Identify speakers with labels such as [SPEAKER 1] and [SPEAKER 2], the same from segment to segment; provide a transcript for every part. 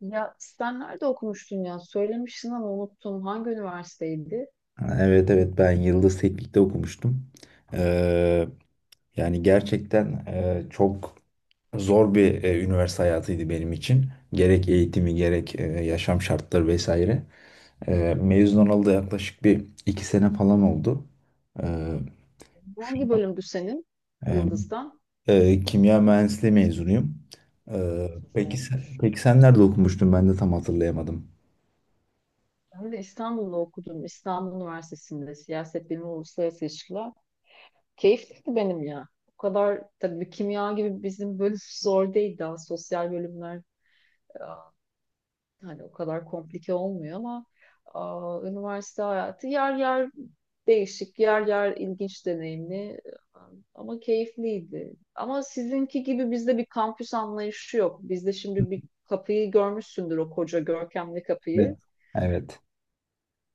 [SPEAKER 1] Ya sen nerede okumuştun ya? Söylemiştin ama unuttum. Hangi üniversiteydi?
[SPEAKER 2] Ha, evet, ben Yıldız Teknik'te okumuştum. Ee, Yani gerçekten çok zor bir üniversite hayatıydı benim için. Gerek eğitimi gerek yaşam şartları vesaire. Mezun olalı da yaklaşık bir iki sene falan oldu. Ee, şu-
[SPEAKER 1] Hangi bölümdü senin?
[SPEAKER 2] e,
[SPEAKER 1] Yıldız'dan.
[SPEAKER 2] Kimya mühendisliği mezunuyum. Ee,
[SPEAKER 1] Yıldız
[SPEAKER 2] peki sen,
[SPEAKER 1] olmuş.
[SPEAKER 2] peki sen nerede okumuştun? Ben de tam hatırlayamadım.
[SPEAKER 1] Ben de İstanbul'da okudum. İstanbul Üniversitesi'nde siyaset bilimi uluslararası ilişkiler. Keyifliydi benim ya. O kadar tabii kimya gibi bizim bölüm zor değil daha sosyal bölümler. e, Hani o kadar komplike olmuyor ama üniversite hayatı yer yer değişik, yer yer ilginç deneyimli ama keyifliydi. Ama sizinki gibi bizde bir kampüs anlayışı yok. Bizde şimdi bir kapıyı görmüşsündür, o koca görkemli kapıyı.
[SPEAKER 2] Evet. Evet.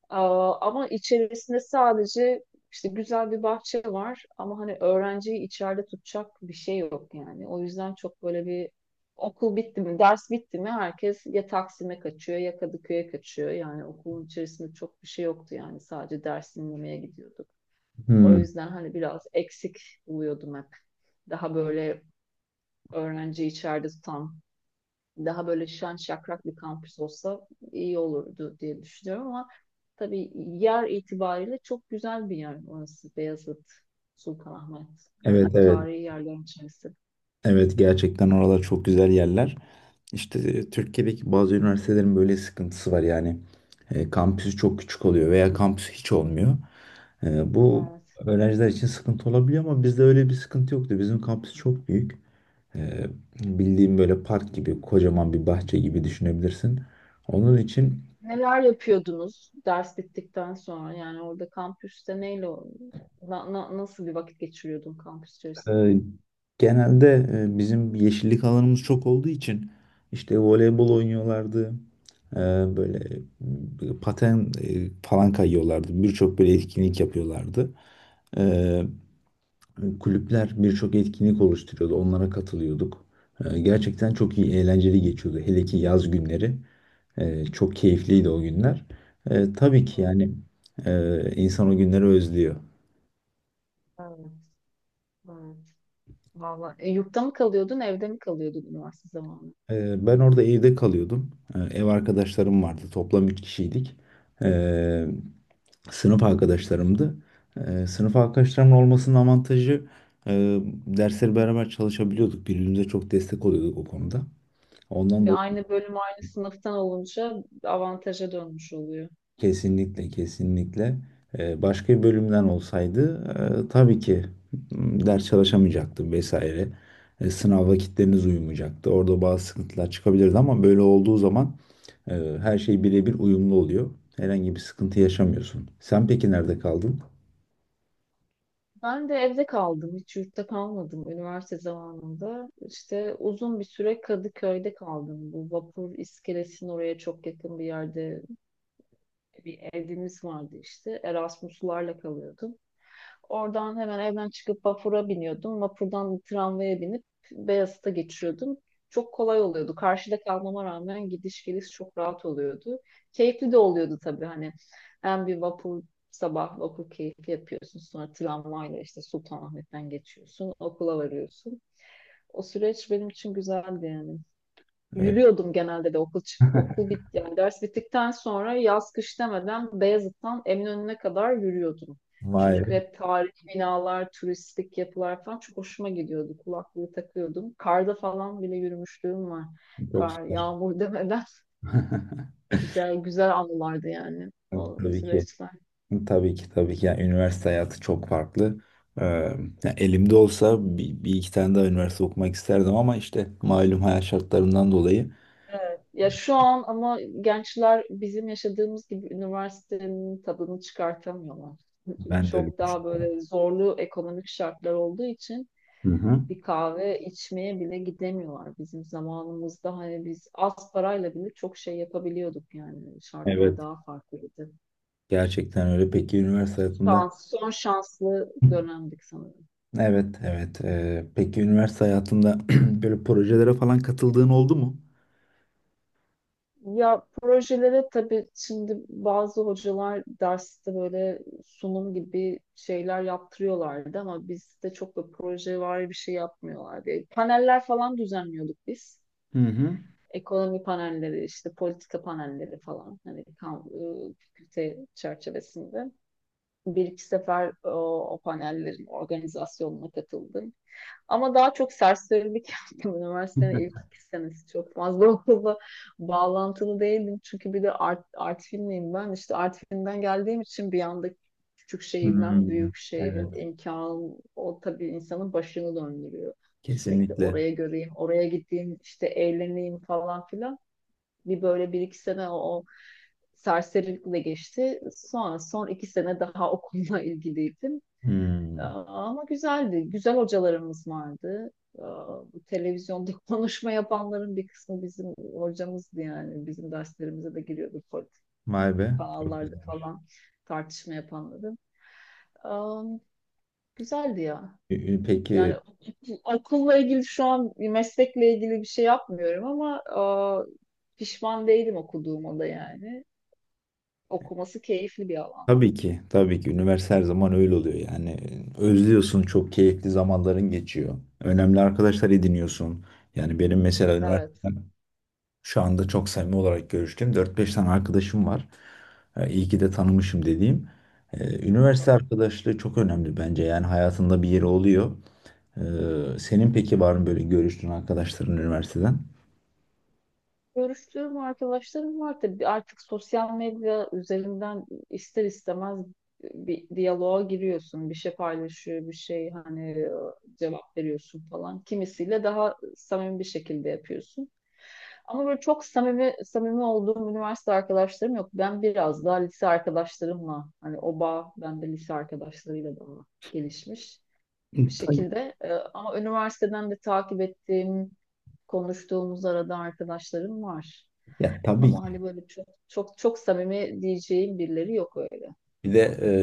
[SPEAKER 1] Ama içerisinde sadece işte güzel bir bahçe var ama hani öğrenciyi içeride tutacak bir şey yok yani. O yüzden çok böyle bir, okul bitti mi, ders bitti mi herkes ya Taksim'e kaçıyor ya Kadıköy'e kaçıyor. Yani okulun içerisinde çok bir şey yoktu yani, sadece ders dinlemeye gidiyorduk. O
[SPEAKER 2] Hmm,
[SPEAKER 1] yüzden hani biraz eksik buluyordum hep. Daha böyle öğrenciyi içeride tutan, daha böyle şen şakrak bir kampüs olsa iyi olurdu diye düşünüyorum ama tabii yer itibariyle çok güzel bir yer orası, Beyazıt, Sultanahmet. Hani
[SPEAKER 2] evet,
[SPEAKER 1] hep
[SPEAKER 2] evet.
[SPEAKER 1] tarihi yerlerin içerisinde.
[SPEAKER 2] Evet, gerçekten oralar çok güzel yerler. İşte Türkiye'deki bazı üniversitelerin böyle sıkıntısı var yani. Kampüsü çok küçük oluyor veya kampüsü hiç olmuyor. Bu
[SPEAKER 1] Evet.
[SPEAKER 2] öğrenciler için sıkıntı olabiliyor ama bizde öyle bir sıkıntı yoktu. Bizim kampüs çok büyük. E, Bildiğim böyle park gibi kocaman bir bahçe gibi düşünebilirsin. Onun için
[SPEAKER 1] Neler yapıyordunuz ders bittikten sonra? Yani orada kampüste neyle nasıl bir vakit geçiriyordun kampüs içerisinde?
[SPEAKER 2] Ee, genelde bizim yeşillik alanımız çok olduğu için işte voleybol oynuyorlardı. Ee, Böyle paten falan kayıyorlardı. Birçok böyle etkinlik yapıyorlardı. Ee, Kulüpler birçok etkinlik oluşturuyordu. Onlara katılıyorduk. Gerçekten çok iyi, eğlenceli geçiyordu. Hele ki yaz günleri. Çok keyifliydi o günler. Tabii ki yani insan o günleri özlüyor.
[SPEAKER 1] Evet, evet. Vallahi E, yurtta mı kalıyordun, evde mi kalıyordun üniversite zamanı?
[SPEAKER 2] Ben orada evde kalıyordum. Ev arkadaşlarım vardı. Toplam 3 kişiydik. Ee, Sınıf arkadaşlarımdı. Sınıf arkadaşlarımın olmasının avantajı, e, dersleri beraber çalışabiliyorduk. Birbirimize çok destek oluyorduk o konuda. Ondan
[SPEAKER 1] Ve aynı bölüm aynı sınıftan olunca avantaja dönmüş oluyor.
[SPEAKER 2] kesinlikle, kesinlikle. Başka bir bölümden olsaydı tabii ki ders çalışamayacaktım vesaire. Sınav vakitleriniz uyumayacaktı. Orada bazı sıkıntılar çıkabilirdi ama böyle olduğu zaman e, her şey birebir uyumlu oluyor. Herhangi bir sıkıntı yaşamıyorsun. Sen peki nerede kaldın?
[SPEAKER 1] Ben de evde kaldım. Hiç yurtta kalmadım üniversite zamanında. İşte uzun bir süre Kadıköy'de kaldım. Bu vapur iskelesinin oraya çok yakın bir yerde bir evimiz vardı işte. Erasmuslarla kalıyordum. Oradan hemen evden çıkıp vapura biniyordum. Vapurdan tramvaya binip Beyazıt'a geçiyordum. Çok kolay oluyordu. Karşıda kalmama rağmen gidiş geliş çok rahat oluyordu. Keyifli de oluyordu tabii hani. Hem bir vapur, sabah vapur keyfi yapıyorsun. Sonra tramvayla işte Sultanahmet'ten geçiyorsun. Okula varıyorsun. O süreç benim için güzeldi yani.
[SPEAKER 2] E,
[SPEAKER 1] Yürüyordum genelde de, okul çık okul bit yani ders bittikten sonra yaz kış demeden Beyazıt'tan Eminönü'ne kadar yürüyordum. Çünkü
[SPEAKER 2] Vay,
[SPEAKER 1] hep tarihi binalar, turistik yapılar falan çok hoşuma gidiyordu. Kulaklığı takıyordum. Karda falan bile yürümüşlüğüm var.
[SPEAKER 2] çok
[SPEAKER 1] Kar,
[SPEAKER 2] süper.
[SPEAKER 1] yağmur demeden güzel güzel anılardı yani o
[SPEAKER 2] Tabii ki.
[SPEAKER 1] süreçler.
[SPEAKER 2] Tabii ki, tabii ki. Yani üniversite hayatı çok farklı. Yani elimde olsa bir iki tane daha üniversite okumak isterdim ama işte malum hayat şartlarından dolayı
[SPEAKER 1] Evet. Ya şu an ama gençler bizim yaşadığımız gibi üniversitenin tadını çıkartamıyorlar.
[SPEAKER 2] ben de öyle
[SPEAKER 1] Çok daha
[SPEAKER 2] düşünüyorum.
[SPEAKER 1] böyle zorlu ekonomik şartlar olduğu için
[SPEAKER 2] Hı hı.
[SPEAKER 1] bir kahve içmeye bile gidemiyorlar bizim zamanımızda. Hani biz az parayla bile çok şey yapabiliyorduk yani, şartlar
[SPEAKER 2] Evet,
[SPEAKER 1] daha farklıydı.
[SPEAKER 2] gerçekten öyle. Peki üniversite hayatında,
[SPEAKER 1] Son şanslı dönemdik sanırım.
[SPEAKER 2] evet, evet. Peki üniversite hayatında böyle projelere falan katıldığın oldu mu?
[SPEAKER 1] Ya projelere tabii şimdi bazı hocalar derste böyle sunum gibi şeyler yaptırıyorlardı ama bizde çok da proje var bir şey yapmıyorlardı. E, paneller falan düzenliyorduk biz.
[SPEAKER 2] Hı hı.
[SPEAKER 1] Ekonomi panelleri, işte politika panelleri falan, hani fakülte çerçevesinde bir iki sefer o panellerin organizasyonuna katıldım. Ama daha çok serserilik yaptım. Üniversitenin ilk iki senesi çok fazla okulla bağlantılı değildim. Çünkü bir de art filmliyim ben. İşte art filmden geldiğim için bir anda küçük şehirden
[SPEAKER 2] Hmm,
[SPEAKER 1] büyük
[SPEAKER 2] evet,
[SPEAKER 1] şehrin imkanı, o tabii insanın başını döndürüyor. Sürekli
[SPEAKER 2] kesinlikle.
[SPEAKER 1] oraya göreyim, oraya gideyim, işte eğleneyim falan filan, bir böyle bir iki sene o serserilikle geçti. Sonra son iki sene daha okulla ilgiliydim.
[SPEAKER 2] Hmm,
[SPEAKER 1] Ama güzeldi. Güzel hocalarımız vardı. Bu televizyonda konuşma yapanların bir kısmı bizim hocamızdı yani. Bizim derslerimize de giriyordu,
[SPEAKER 2] vay be. Çok güzel.
[SPEAKER 1] kanallarda falan tartışma yapanları. Güzeldi ya.
[SPEAKER 2] Peki
[SPEAKER 1] Yani okulla ilgili şu an meslekle ilgili bir şey yapmıyorum ama pişman değilim okuduğuma da yani. Okuması keyifli bir alan.
[SPEAKER 2] tabii ki, tabii ki. Üniversite her zaman öyle oluyor yani. Özlüyorsun, çok keyifli zamanların geçiyor. Önemli arkadaşlar ediniyorsun. Yani benim mesela
[SPEAKER 1] Evet,
[SPEAKER 2] üniversiteden şu anda çok samimi olarak görüştüğüm dört beş tane arkadaşım var. İyi ki de tanımışım dediğim. Üniversite
[SPEAKER 1] evet.
[SPEAKER 2] arkadaşlığı çok önemli bence. Yani hayatında bir yeri oluyor. Senin peki var mı böyle görüştüğün arkadaşların üniversiteden?
[SPEAKER 1] Görüştüğüm arkadaşlarım var tabii, artık sosyal medya üzerinden ister istemez bir diyaloğa giriyorsun. Bir şey paylaşıyor, bir şey hani cevap veriyorsun falan. Kimisiyle daha samimi bir şekilde yapıyorsun. Ama böyle çok samimi samimi olduğum üniversite arkadaşlarım yok. Ben biraz daha lise arkadaşlarımla, hani o bağ bende lise arkadaşlarıyla daha gelişmiş bir
[SPEAKER 2] Tabii.
[SPEAKER 1] şekilde. E, ama üniversiteden de takip ettiğim, konuştuğumuz arada arkadaşlarım var.
[SPEAKER 2] Ya tabii,
[SPEAKER 1] Ama hani böyle çok çok çok samimi diyeceğim birileri yok öyle.
[SPEAKER 2] bir de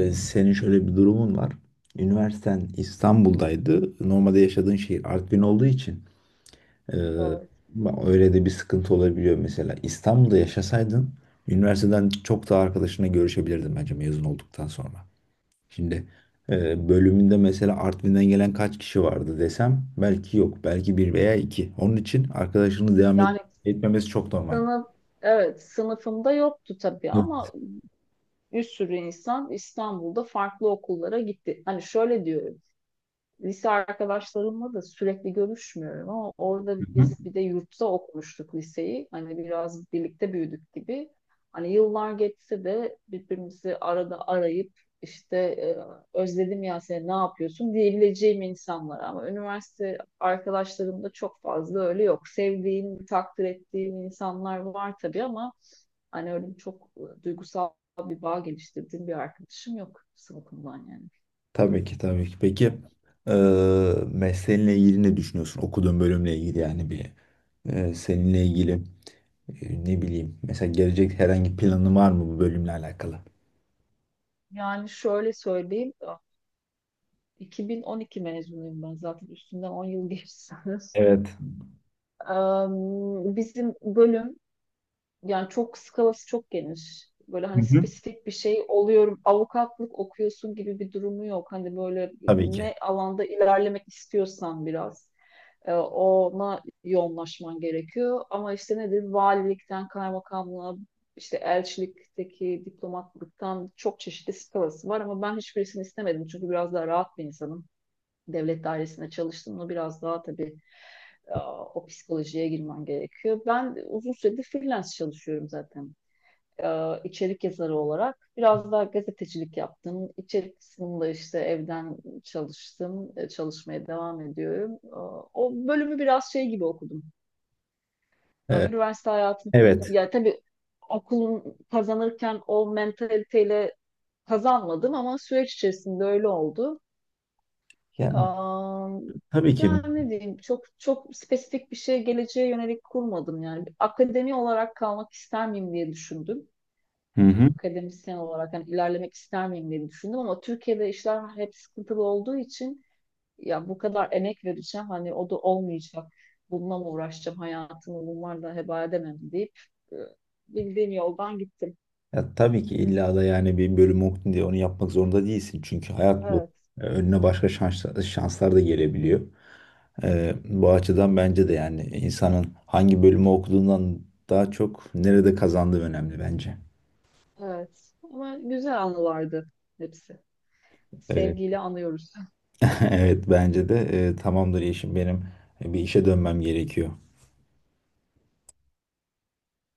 [SPEAKER 2] senin şöyle bir durumun var. Üniversiten İstanbul'daydı. Normalde yaşadığın şehir Artvin olduğu için e,
[SPEAKER 1] Evet.
[SPEAKER 2] öyle de bir sıkıntı olabiliyor mesela. İstanbul'da yaşasaydın üniversiteden çok daha arkadaşına görüşebilirdin bence mezun olduktan sonra. Şimdi bölümünde mesela Artvin'den gelen kaç kişi vardı desem belki yok. Belki bir veya iki. Onun için arkadaşını
[SPEAKER 1] Yani
[SPEAKER 2] etmemesi çok normal.
[SPEAKER 1] sınıf, evet sınıfımda yoktu tabii
[SPEAKER 2] Evet.
[SPEAKER 1] ama bir sürü insan İstanbul'da farklı okullara gitti. Hani şöyle diyorum, lise arkadaşlarımla da sürekli görüşmüyorum ama orada biz bir de yurtta okumuştuk liseyi. Hani biraz birlikte büyüdük gibi. Hani yıllar geçse de birbirimizi arada arayıp işte özledim ya seni, ne yapıyorsun diyebileceğim insanlar ama üniversite arkadaşlarımda çok fazla öyle yok. Sevdiğim, takdir ettiğim insanlar var tabii ama hani öyle çok duygusal bir bağ geliştirdiğim bir arkadaşım yok sınıfımdan yani.
[SPEAKER 2] Tabii ki, tabii ki. Peki mesleğinle ilgili ne düşünüyorsun? Okuduğun bölümle ilgili yani bir seninle ilgili, ne bileyim, mesela gelecek herhangi planın var mı bu bölümle alakalı?
[SPEAKER 1] Yani şöyle söyleyeyim, 2012 mezunuyum ben, zaten üstünden 10 yıl geçsiniz.
[SPEAKER 2] Evet.
[SPEAKER 1] Bizim bölüm yani, çok geniş. Böyle
[SPEAKER 2] Hı
[SPEAKER 1] hani
[SPEAKER 2] hı.
[SPEAKER 1] spesifik bir şey oluyorum. Avukatlık okuyorsun gibi bir durumu yok. Hani böyle
[SPEAKER 2] Tabii ki.
[SPEAKER 1] ne alanda ilerlemek istiyorsan biraz ona yoğunlaşman gerekiyor. Ama işte nedir? Valilikten kaymakamlığa, işte elçilikteki diplomatlıktan, çok çeşitli skalası var ama ben hiçbirisini istemedim çünkü biraz daha rahat bir insanım. Devlet dairesinde çalıştım mı biraz daha tabii e, o psikolojiye girmen gerekiyor. Ben uzun süredir freelance çalışıyorum zaten. E, içerik yazarı olarak biraz daha gazetecilik yaptım. İçerik kısmında işte evden çalıştım. E, çalışmaya devam ediyorum. E, o bölümü biraz şey gibi okudum. E,
[SPEAKER 2] Ee,
[SPEAKER 1] üniversite hayatında
[SPEAKER 2] evet.
[SPEAKER 1] ya tabii okulun kazanırken o mentaliteyle kazanmadım ama süreç içerisinde öyle oldu.
[SPEAKER 2] Yani
[SPEAKER 1] Am,
[SPEAKER 2] tabii ki.
[SPEAKER 1] Yani ne diyeyim, çok çok spesifik bir şey geleceğe yönelik kurmadım yani. Akademi olarak kalmak ister miyim diye düşündüm.
[SPEAKER 2] Hı hı.
[SPEAKER 1] Akademisyen olarak hani ilerlemek ister miyim diye düşündüm ama Türkiye'de işler hep sıkıntılı olduğu için, ya bu kadar emek vereceğim hani o da olmayacak. Bununla mı uğraşacağım, hayatımı bunlarla heba edemem deyip e, bildiğim yoldan gittim.
[SPEAKER 2] Ya, tabii ki illa da yani bir bölüm okudun diye onu yapmak zorunda değilsin. Çünkü hayat bu.
[SPEAKER 1] Evet,
[SPEAKER 2] Önüne başka şanslar da gelebiliyor. Bu açıdan bence de yani insanın hangi bölümü okuduğundan daha çok nerede kazandığı önemli bence.
[SPEAKER 1] evet. Ama güzel anılardı hepsi.
[SPEAKER 2] Ee,
[SPEAKER 1] Sevgiyle anıyoruz.
[SPEAKER 2] evet, bence de. Tamamdır Yeşim, benim bir işe dönmem gerekiyor.